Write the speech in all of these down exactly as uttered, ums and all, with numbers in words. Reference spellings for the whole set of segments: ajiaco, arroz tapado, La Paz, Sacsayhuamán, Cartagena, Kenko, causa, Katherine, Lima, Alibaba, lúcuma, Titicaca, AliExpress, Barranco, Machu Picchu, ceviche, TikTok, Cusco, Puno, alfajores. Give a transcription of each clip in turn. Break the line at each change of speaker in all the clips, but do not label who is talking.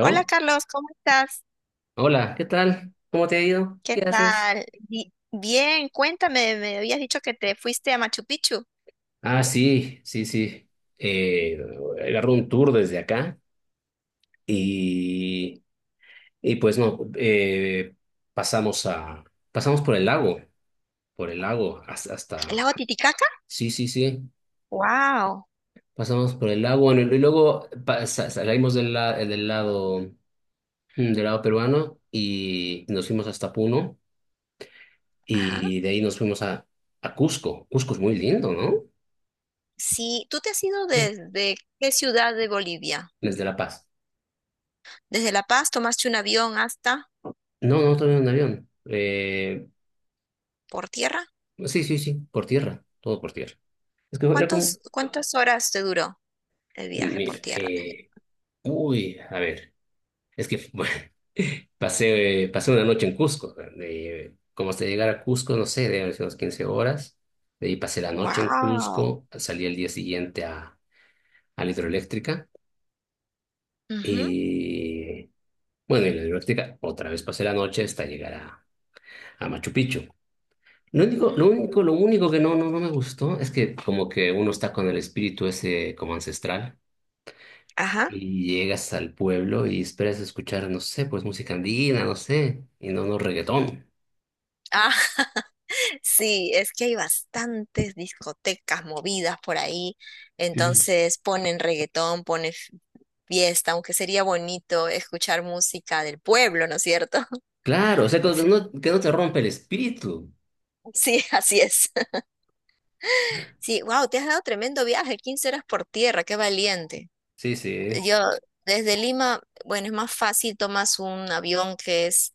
Hola Carlos, ¿cómo estás?
Hola, ¿qué tal? ¿Cómo te ha ido?
¿Qué
¿Qué haces?
tal? Bi- Bien, cuéntame, me habías dicho que te fuiste a Machu Picchu,
Ah, sí, sí, sí. Eh, agarró un tour desde acá y, y pues no, eh, pasamos a, pasamos por el lago, por el lago hasta,
al
hasta-
lago Titicaca.
Sí, sí, sí,
Wow.
pasamos por el lago, bueno, y luego pasa- salimos del, la- del lado, mm, del lado peruano y nos fuimos hasta Puno
Ajá.
y de ahí nos fuimos a, a Cusco. Cusco es muy lindo, ¿no?
Sí, ¿tú te has ido
Sí,
desde qué ciudad de Bolivia?
desde La Paz.
¿Desde La Paz tomaste un avión hasta
No, no, también en avión. Eh,
por tierra?
sí, sí, sí, por tierra, todo por tierra. Es que era como,
¿Cuántos, cuántas horas te duró el viaje por
mira,
tierra?
eh, uy, a ver, es que bueno, pasé, pasé una noche en Cusco. eh, como hasta llegar a Cusco, no sé, deben ser unas quince horas. De ahí pasé la noche en
Wow.
Cusco, salí el día siguiente a, a la hidroeléctrica. Y bueno, en la hidroeléctrica otra vez pasé la noche hasta llegar a, a Machu Picchu. Lo único, lo único, lo único que no, no, no me gustó es que como que uno está con el espíritu ese como ancestral
Ajá.
y llegas al pueblo y esperas escuchar, no sé, pues música andina, no sé, y no, no reggaetón.
Ah. Sí, es que hay bastantes discotecas movidas por ahí,
Ujú.
entonces ponen reggaetón, ponen f- fiesta, aunque sería bonito escuchar música del pueblo, ¿no es cierto?
Claro, o sea, como que
Sí.
no, que no te rompe el espíritu.
Sí, así es. Sí, wow, te has dado tremendo viaje, quince horas por tierra, qué valiente.
Sí, sí.
Yo desde Lima, bueno, es más fácil, tomas un avión que es,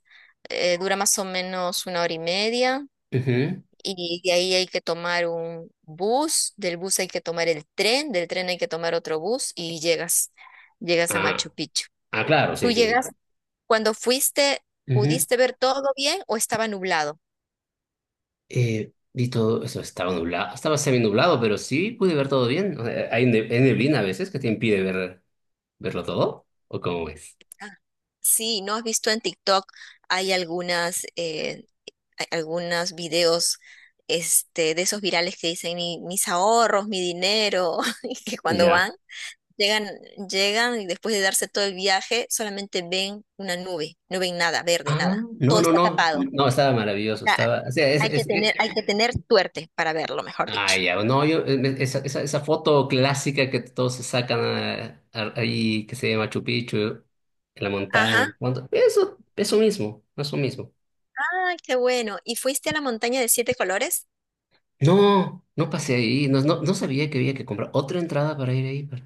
eh, dura más o menos una hora y media.
Ujú.
Y de ahí hay que tomar un bus, del bus hay que tomar el tren, del tren hay que tomar otro bus y llegas, llegas a Machu
Ah,
Picchu.
ah, claro, sí,
¿Tú
sí.
llegas cuando fuiste,
Ujú.
pudiste ver todo bien o estaba nublado?
Eh, vi todo eso, estaba nublado, estaba semi nublado, pero sí pude ver todo bien. O sea, hay, ne- hay neblina a veces que te impide ver, verlo todo, ¿o cómo es?
Ah, sí, ¿no has visto en TikTok? Hay algunas, eh, hay algunos videos este, de esos virales que dicen "Mi- mis ahorros, mi dinero", y que cuando van
Ya.
llegan, llegan y después de darse todo el viaje, solamente ven una nube, no ven nada verde,
Ah,
nada. Todo
no, no,
está
no,
tapado.
no, estaba
O
maravilloso,
sea,
estaba, o sea, es,
hay que
es, es-
tener, hay que tener suerte para verlo, mejor dicho.
Ay, ya, no, yo, eh, esa, esa, esa foto clásica que todos se sacan ah, ah, ahí, que se llama Machu Picchu, en la montaña,
Ajá.
cuando- Eso, eso mismo, eso mismo.
Ay, qué bueno. ¿Y fuiste a la montaña de siete colores?
No, no pasé ahí, no, no, no sabía que había que comprar otra entrada para ir ahí, para-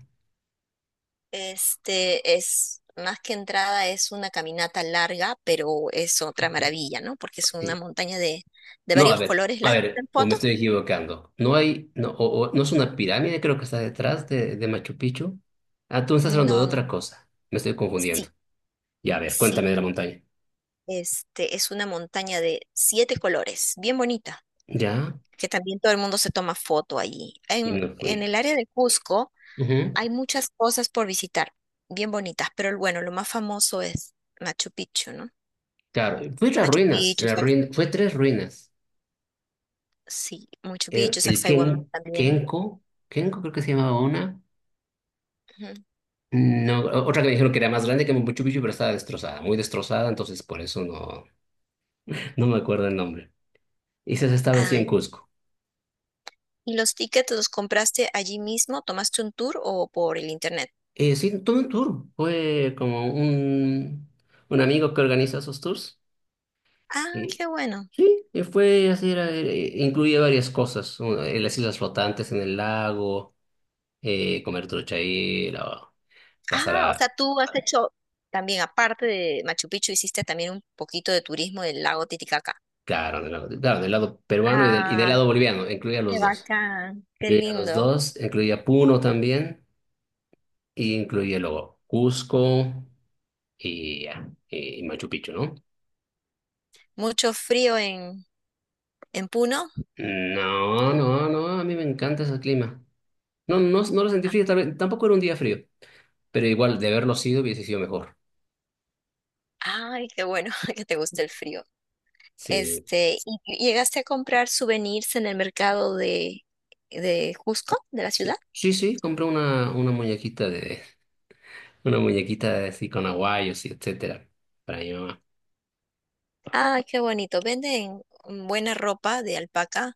Este es más que entrada, es una caminata larga, pero es otra maravilla, ¿no? Porque es una
sí.
montaña de, de
No, a
varios
ver,
colores.
a
¿Las has visto
ver,
en
o me
fotos?
estoy equivocando, no hay, no, o, o- no es una pirámide, creo que está detrás de, de Machu Picchu, ah, tú me estás hablando de
No,
otra
no.
cosa, me estoy confundiendo.
Sí,
Y a ver,
sí.
cuéntame de la montaña.
Este es una montaña de siete colores, bien bonita,
Ya,
que también todo el mundo se toma foto allí.
y
En,
no
en
fui.
el área de Cusco
Ujú,
hay muchas cosas por visitar, bien bonitas, pero bueno, lo más famoso es Machu Picchu, ¿no?
claro, fui a las
Machu
ruinas,
Picchu,
las
Sac-
ruin- fue tres ruinas.
sí, Machu
El,
Picchu,
el
Sacsayhuamán
Ken,
también.
Kenko, Kenko creo que se llamaba una.
Ujú.
No, o- otra que me dijeron que era más grande que Machu Picchu, pero estaba destrozada, muy destrozada, entonces por eso no, no me acuerdo el nombre. Y esas estaban sí en
Ay,
Cusco.
¿y los tickets los compraste allí mismo? ¿Tomaste un tour o por el internet?
Eh, sí, tuve un tour, fue como un, un amigo que organiza esos tours.
Ah,
Y,
qué bueno.
sí, y fue así, era, eh, incluía varias cosas, una- eh, las islas flotantes en el lago, eh, comer truchaíla, pasar
Ah, o
a,
sea, tú has hecho también, aparte de Machu Picchu, hiciste también un poquito de turismo del lago Titicaca.
claro, del lado, claro, del lado peruano y del, y del
Ah,
lado boliviano, incluía
qué
los dos.
bacán, qué
Incluía los
lindo.
dos, incluía Puno también, y incluía luego Cusco y, ya, y Machu Picchu, ¿no?
Mucho frío en, en Puno.
No,
Uy,
no, no, a mí me encanta ese clima. No, no, no lo sentí
a-
frío, tal vez- tampoco era un día frío, pero igual de haberlo sido hubiese sido mejor.
Ay, qué bueno que te guste el frío.
Sí,
Este, ¿y y llegaste a comprar souvenirs en el mercado de, de Cusco, de la ciudad?
sí, sí, sí, compré una, una muñequita de, una muñequita así con aguayos y etcétera, para mi mamá.
Ay, qué bonito. Venden buena ropa de alpaca,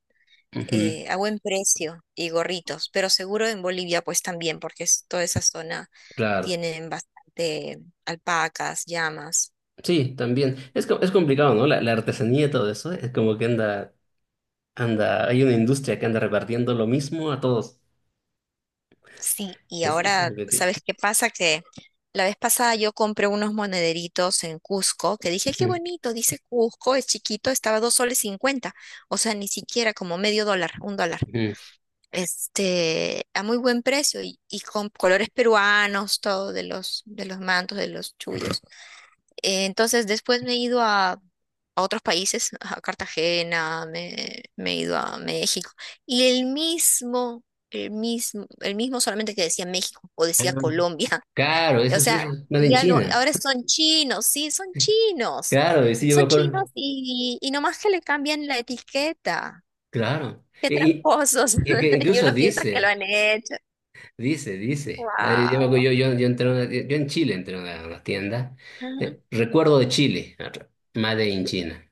Ujú.
eh, a buen precio y gorritos, pero seguro en Bolivia pues también, porque es- toda esa zona
Claro.
tienen bastante alpacas, llamas.
Sí, también. Es, co- es complicado, ¿no? La, la artesanía y todo eso. Es como que anda, anda, hay una industria que anda repartiendo lo mismo a todos.
Sí, y
Es, eso es
ahora,
lo que tiene.
¿sabes qué pasa? Que la vez pasada yo compré unos monederitos en Cusco, que dije, qué
Ujú,
bonito, dice Cusco, es chiquito, estaba dos soles cincuenta, o sea, ni siquiera como medio dólar, un dólar.
ujú.
Este, a muy buen precio y, y con colores peruanos, todo de los, de los mantos, de los chullos. Eh, Entonces después me he ido a, a otros países, a Cartagena, me, me he ido a México. Y el mismo, el mismo, el mismo solamente que decía México o
Ah,
decía Colombia.
claro, eso,
O
es-
sea,
eso es made in
ya no-
China.
ahora son chinos, sí, son chinos.
Claro, y sí, yo me
Son chinos
acuerdo.
y, y nomás que le cambian la etiqueta.
Claro.
Qué
Y, y-
tramposos.
y que
Y
incluso
uno piensa que lo
dice,
han hecho.
dice, dice. Eh, Yo, me acuerdo,
Wow.
yo, yo, yo entré a una tie- yo en Chile entré a una, a una tienda. Eh, recuerdo de Chile. Made in China.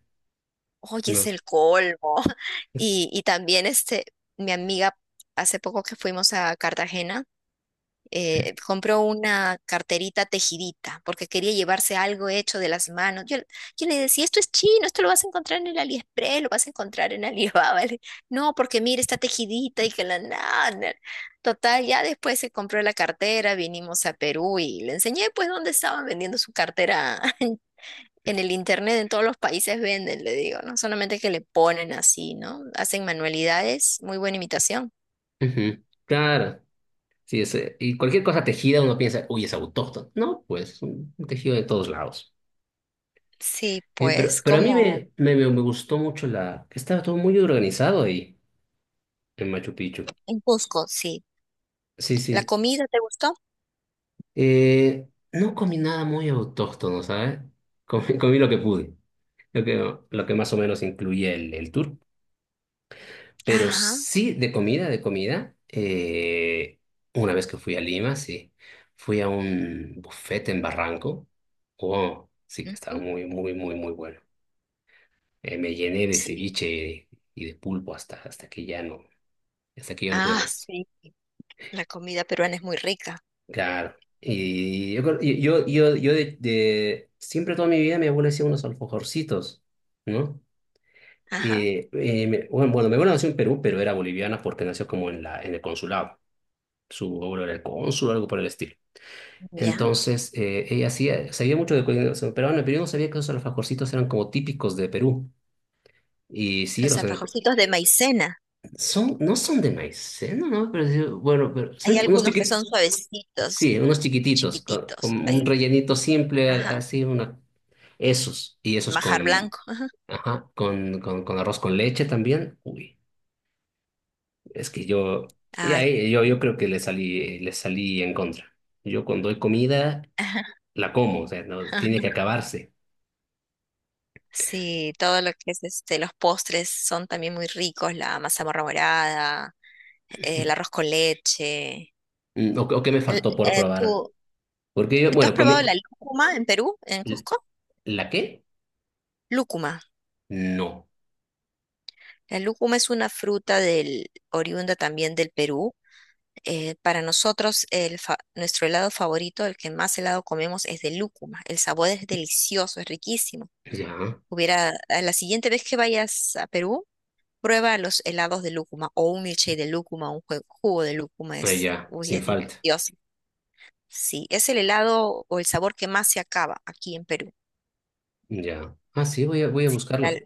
Oye, es
¿No?
el colmo. Y, y también este, mi amiga, hace poco que fuimos a Cartagena, eh, compró una carterita tejidita porque quería llevarse algo hecho de las manos. Yo, yo le decía, esto es chino, esto lo vas a encontrar en el AliExpress, lo vas a encontrar en Alibaba. Le- No, porque mira, está tejidita y que la nada. Total, ya después se compró la cartera, vinimos a Perú y le enseñé pues dónde estaban vendiendo su cartera. En el internet, en todos los países venden, le digo, no solamente que le ponen así, ¿no? Hacen manualidades, muy buena imitación.
Ujú. Claro. Sí, es, eh, y cualquier cosa tejida uno piensa, uy, es autóctono. No, pues un tejido de todos lados.
Sí,
Eh, pero,
pues,
pero a mí
como
me, me, me me gustó mucho la... Estaba todo muy organizado ahí, en Machu Picchu.
en Cusco, sí.
Sí,
¿La
sí.
comida te gustó?
Eh, no comí nada muy autóctono, ¿sabes? Comí, comí lo que pude, lo que, lo que más o menos incluye el, el tour. Pero
Ajá.
sí, de comida, de comida. eh, Una vez que fui a Lima, sí. Fui a un buffet en Barranco. Oh, sí que estaba
Ujú.
muy, muy, muy, muy bueno. Eh, me llené de
Sí.
ceviche y de pulpo hasta, hasta que ya no, hasta que ya no pude
Ah,
más.
sí. La comida peruana es muy rica.
Claro. Y yo, creo- yo, yo, yo de, de- siempre toda mi vida mi abuela hacía unos alfajorcitos, ¿no?
Ajá.
Y, y me- bueno, bueno, mi abuela nació en Perú, pero era boliviana porque nació como en la, en el consulado. Su abuelo era el cónsul o algo por el estilo.
Ya.
Entonces, eh, ella hacía, sabía mucho de cocina peruana, pero yo no sabía que esos alfajorcitos eran como típicos de Perú. Y sí,
Los
los enco-
alfajorcitos de maicena.
son, no son de maicena, ¿no? No, pero, sí, bueno, pero
Hay
son unos
algunos que
chiquititos,
son suavecitos,
sí, unos chiquititos, con, con
chiquititos.
un
Ahí.
rellenito simple, a-
Ajá.
así, una, esos, y esos
Majar
con,
blanco. Ajá.
ajá, con, con, con arroz con leche también. Uy, es que yo, ya,
Ay.
eh, yo, yo
Sí.
creo que le salí, le salí en contra. Yo cuando doy comida
Ajá.
la como, o sea, no, tiene que acabarse.
Sí, todo lo que es este, los postres son también muy ricos, la mazamorra morada, eh, el arroz con leche.
Mm, ¿o, o qué me
L-
faltó por
eh,
probar?
¿tú,
Porque yo,
tú has
bueno,
probado la
comí...
lúcuma en Perú, en
¿L-
Cusco?
¿La qué?
Lúcuma.
No.
La lúcuma es una fruta del, oriunda también del Perú. Eh, para nosotros, el fa- nuestro helado favorito, el que más helado comemos, es de lúcuma. El sabor es delicioso, es riquísimo.
Ya,
Hubiera, a la siguiente vez que vayas a Perú, prueba los helados de lúcuma o un milkshake de lúcuma, un jue- jugo de lúcuma.
ah,
Es,
ya,
uy,
sin
es
falta.
delicioso. Sí, es el helado o el sabor que más se acaba aquí en Perú.
Ya. Ah, sí, voy a, voy a
La-
buscarlo.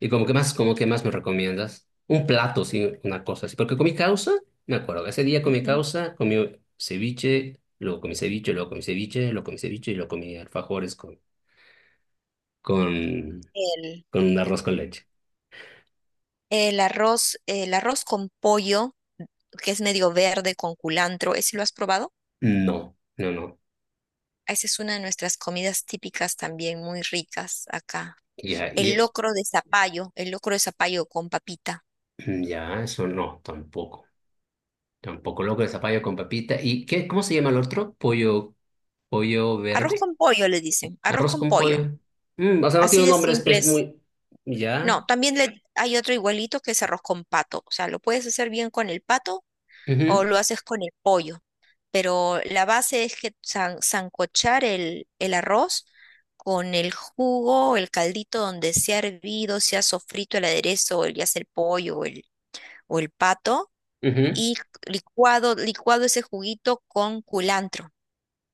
¿Y como que más, como que más me recomiendas? Un plato, sí, una cosa así. Porque comí causa, me acuerdo, ese día comí
Ujú.
causa, comí ceviche, luego comí ceviche, luego comí ceviche, luego comí ceviche y luego comí alfajores con, con,
el,
con un arroz con leche.
el arroz, el arroz con pollo, que es medio verde con culantro, ¿ese lo has probado?
No, no, no.
Esa es una de nuestras comidas típicas también muy ricas acá.
Ya,
El
y
locro de zapallo, el locro de zapallo con papita.
mm, ya, eso no, tampoco. Tampoco loco de zapallo con papita. ¿Y qué, cómo se llama el otro? Pollo, pollo
Arroz
verde,
con pollo le dicen, arroz
arroz
con
con
pollo.
pollo. Mm, o sea, no
Así
tiene un
de
nombre espe
simples.
muy.
No,
Ya.
también le, hay otro igualito que es arroz con pato. O sea, lo puedes hacer bien con el pato o
Ujú,
lo haces con el pollo. Pero la base es que san- sancochar el, el arroz con el jugo, el caldito donde se ha hervido, se ha sofrito el aderezo, ya sea el pollo o el, o el pato,
ujú.
y licuado, licuado ese juguito con culantro.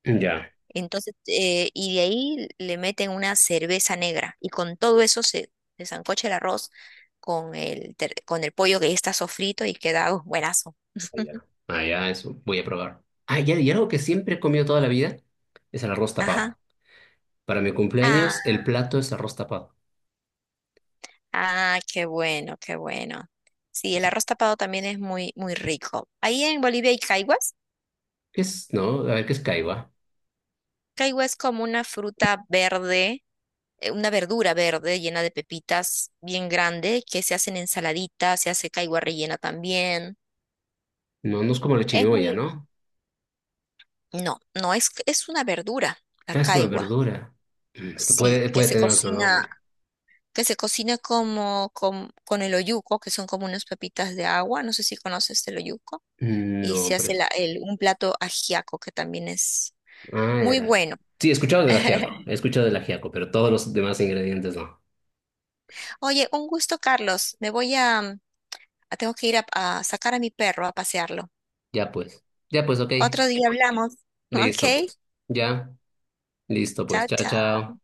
Ya.
Entonces, eh, y de ahí le meten una cerveza negra y con todo eso se, se sancocha el arroz con el, ter- con el pollo que ya está sofrito y queda uh, buenazo.
Ya. Ah, ya, eso. Voy a probar. Ah, ya, y algo que siempre he comido toda la vida es el arroz
Ajá.
tapado. Para mi
Ah,
cumpleaños, el plato es arroz tapado.
ah, qué bueno, qué bueno. Sí, el
Es-
arroz tapado también es muy, muy rico. Ahí en Bolivia hay caiguas.
¿qué es? No, a ver, ¿qué es caiba?
Caigua es como una fruta verde, eh, una verdura verde llena de pepitas bien grande que se hacen ensaladitas, se hace caigua rellena también.
No, no es como la
Es
chirimoya,
muy
¿no?
No, no es, es una verdura, la
Ah, es una
caigua,
verdura. Mm, es que
sí,
puede,
que
puede
se
tener otro nombre.
cocina, que se cocina como, con, con el oyuco, que son como unas pepitas de agua, no sé si conoces el oyuco,
Mm,
y
no,
se
pero.
hace la- el- un plato ajiaco que también es
Ah, de
muy
la-
bueno.
sí, he escuchado del ajiaco, he escuchado del ajiaco, pero todos los demás ingredientes no.
Oye, un gusto, Carlos, me voy a, mm, a- tengo que ir a, a sacar a mi perro a pasearlo.
Ya pues, ya pues, ok.
Otro día hablamos,
Listo
¿ok?
pues. Ya, listo pues.
Chao,
Chao,
chao.
chao.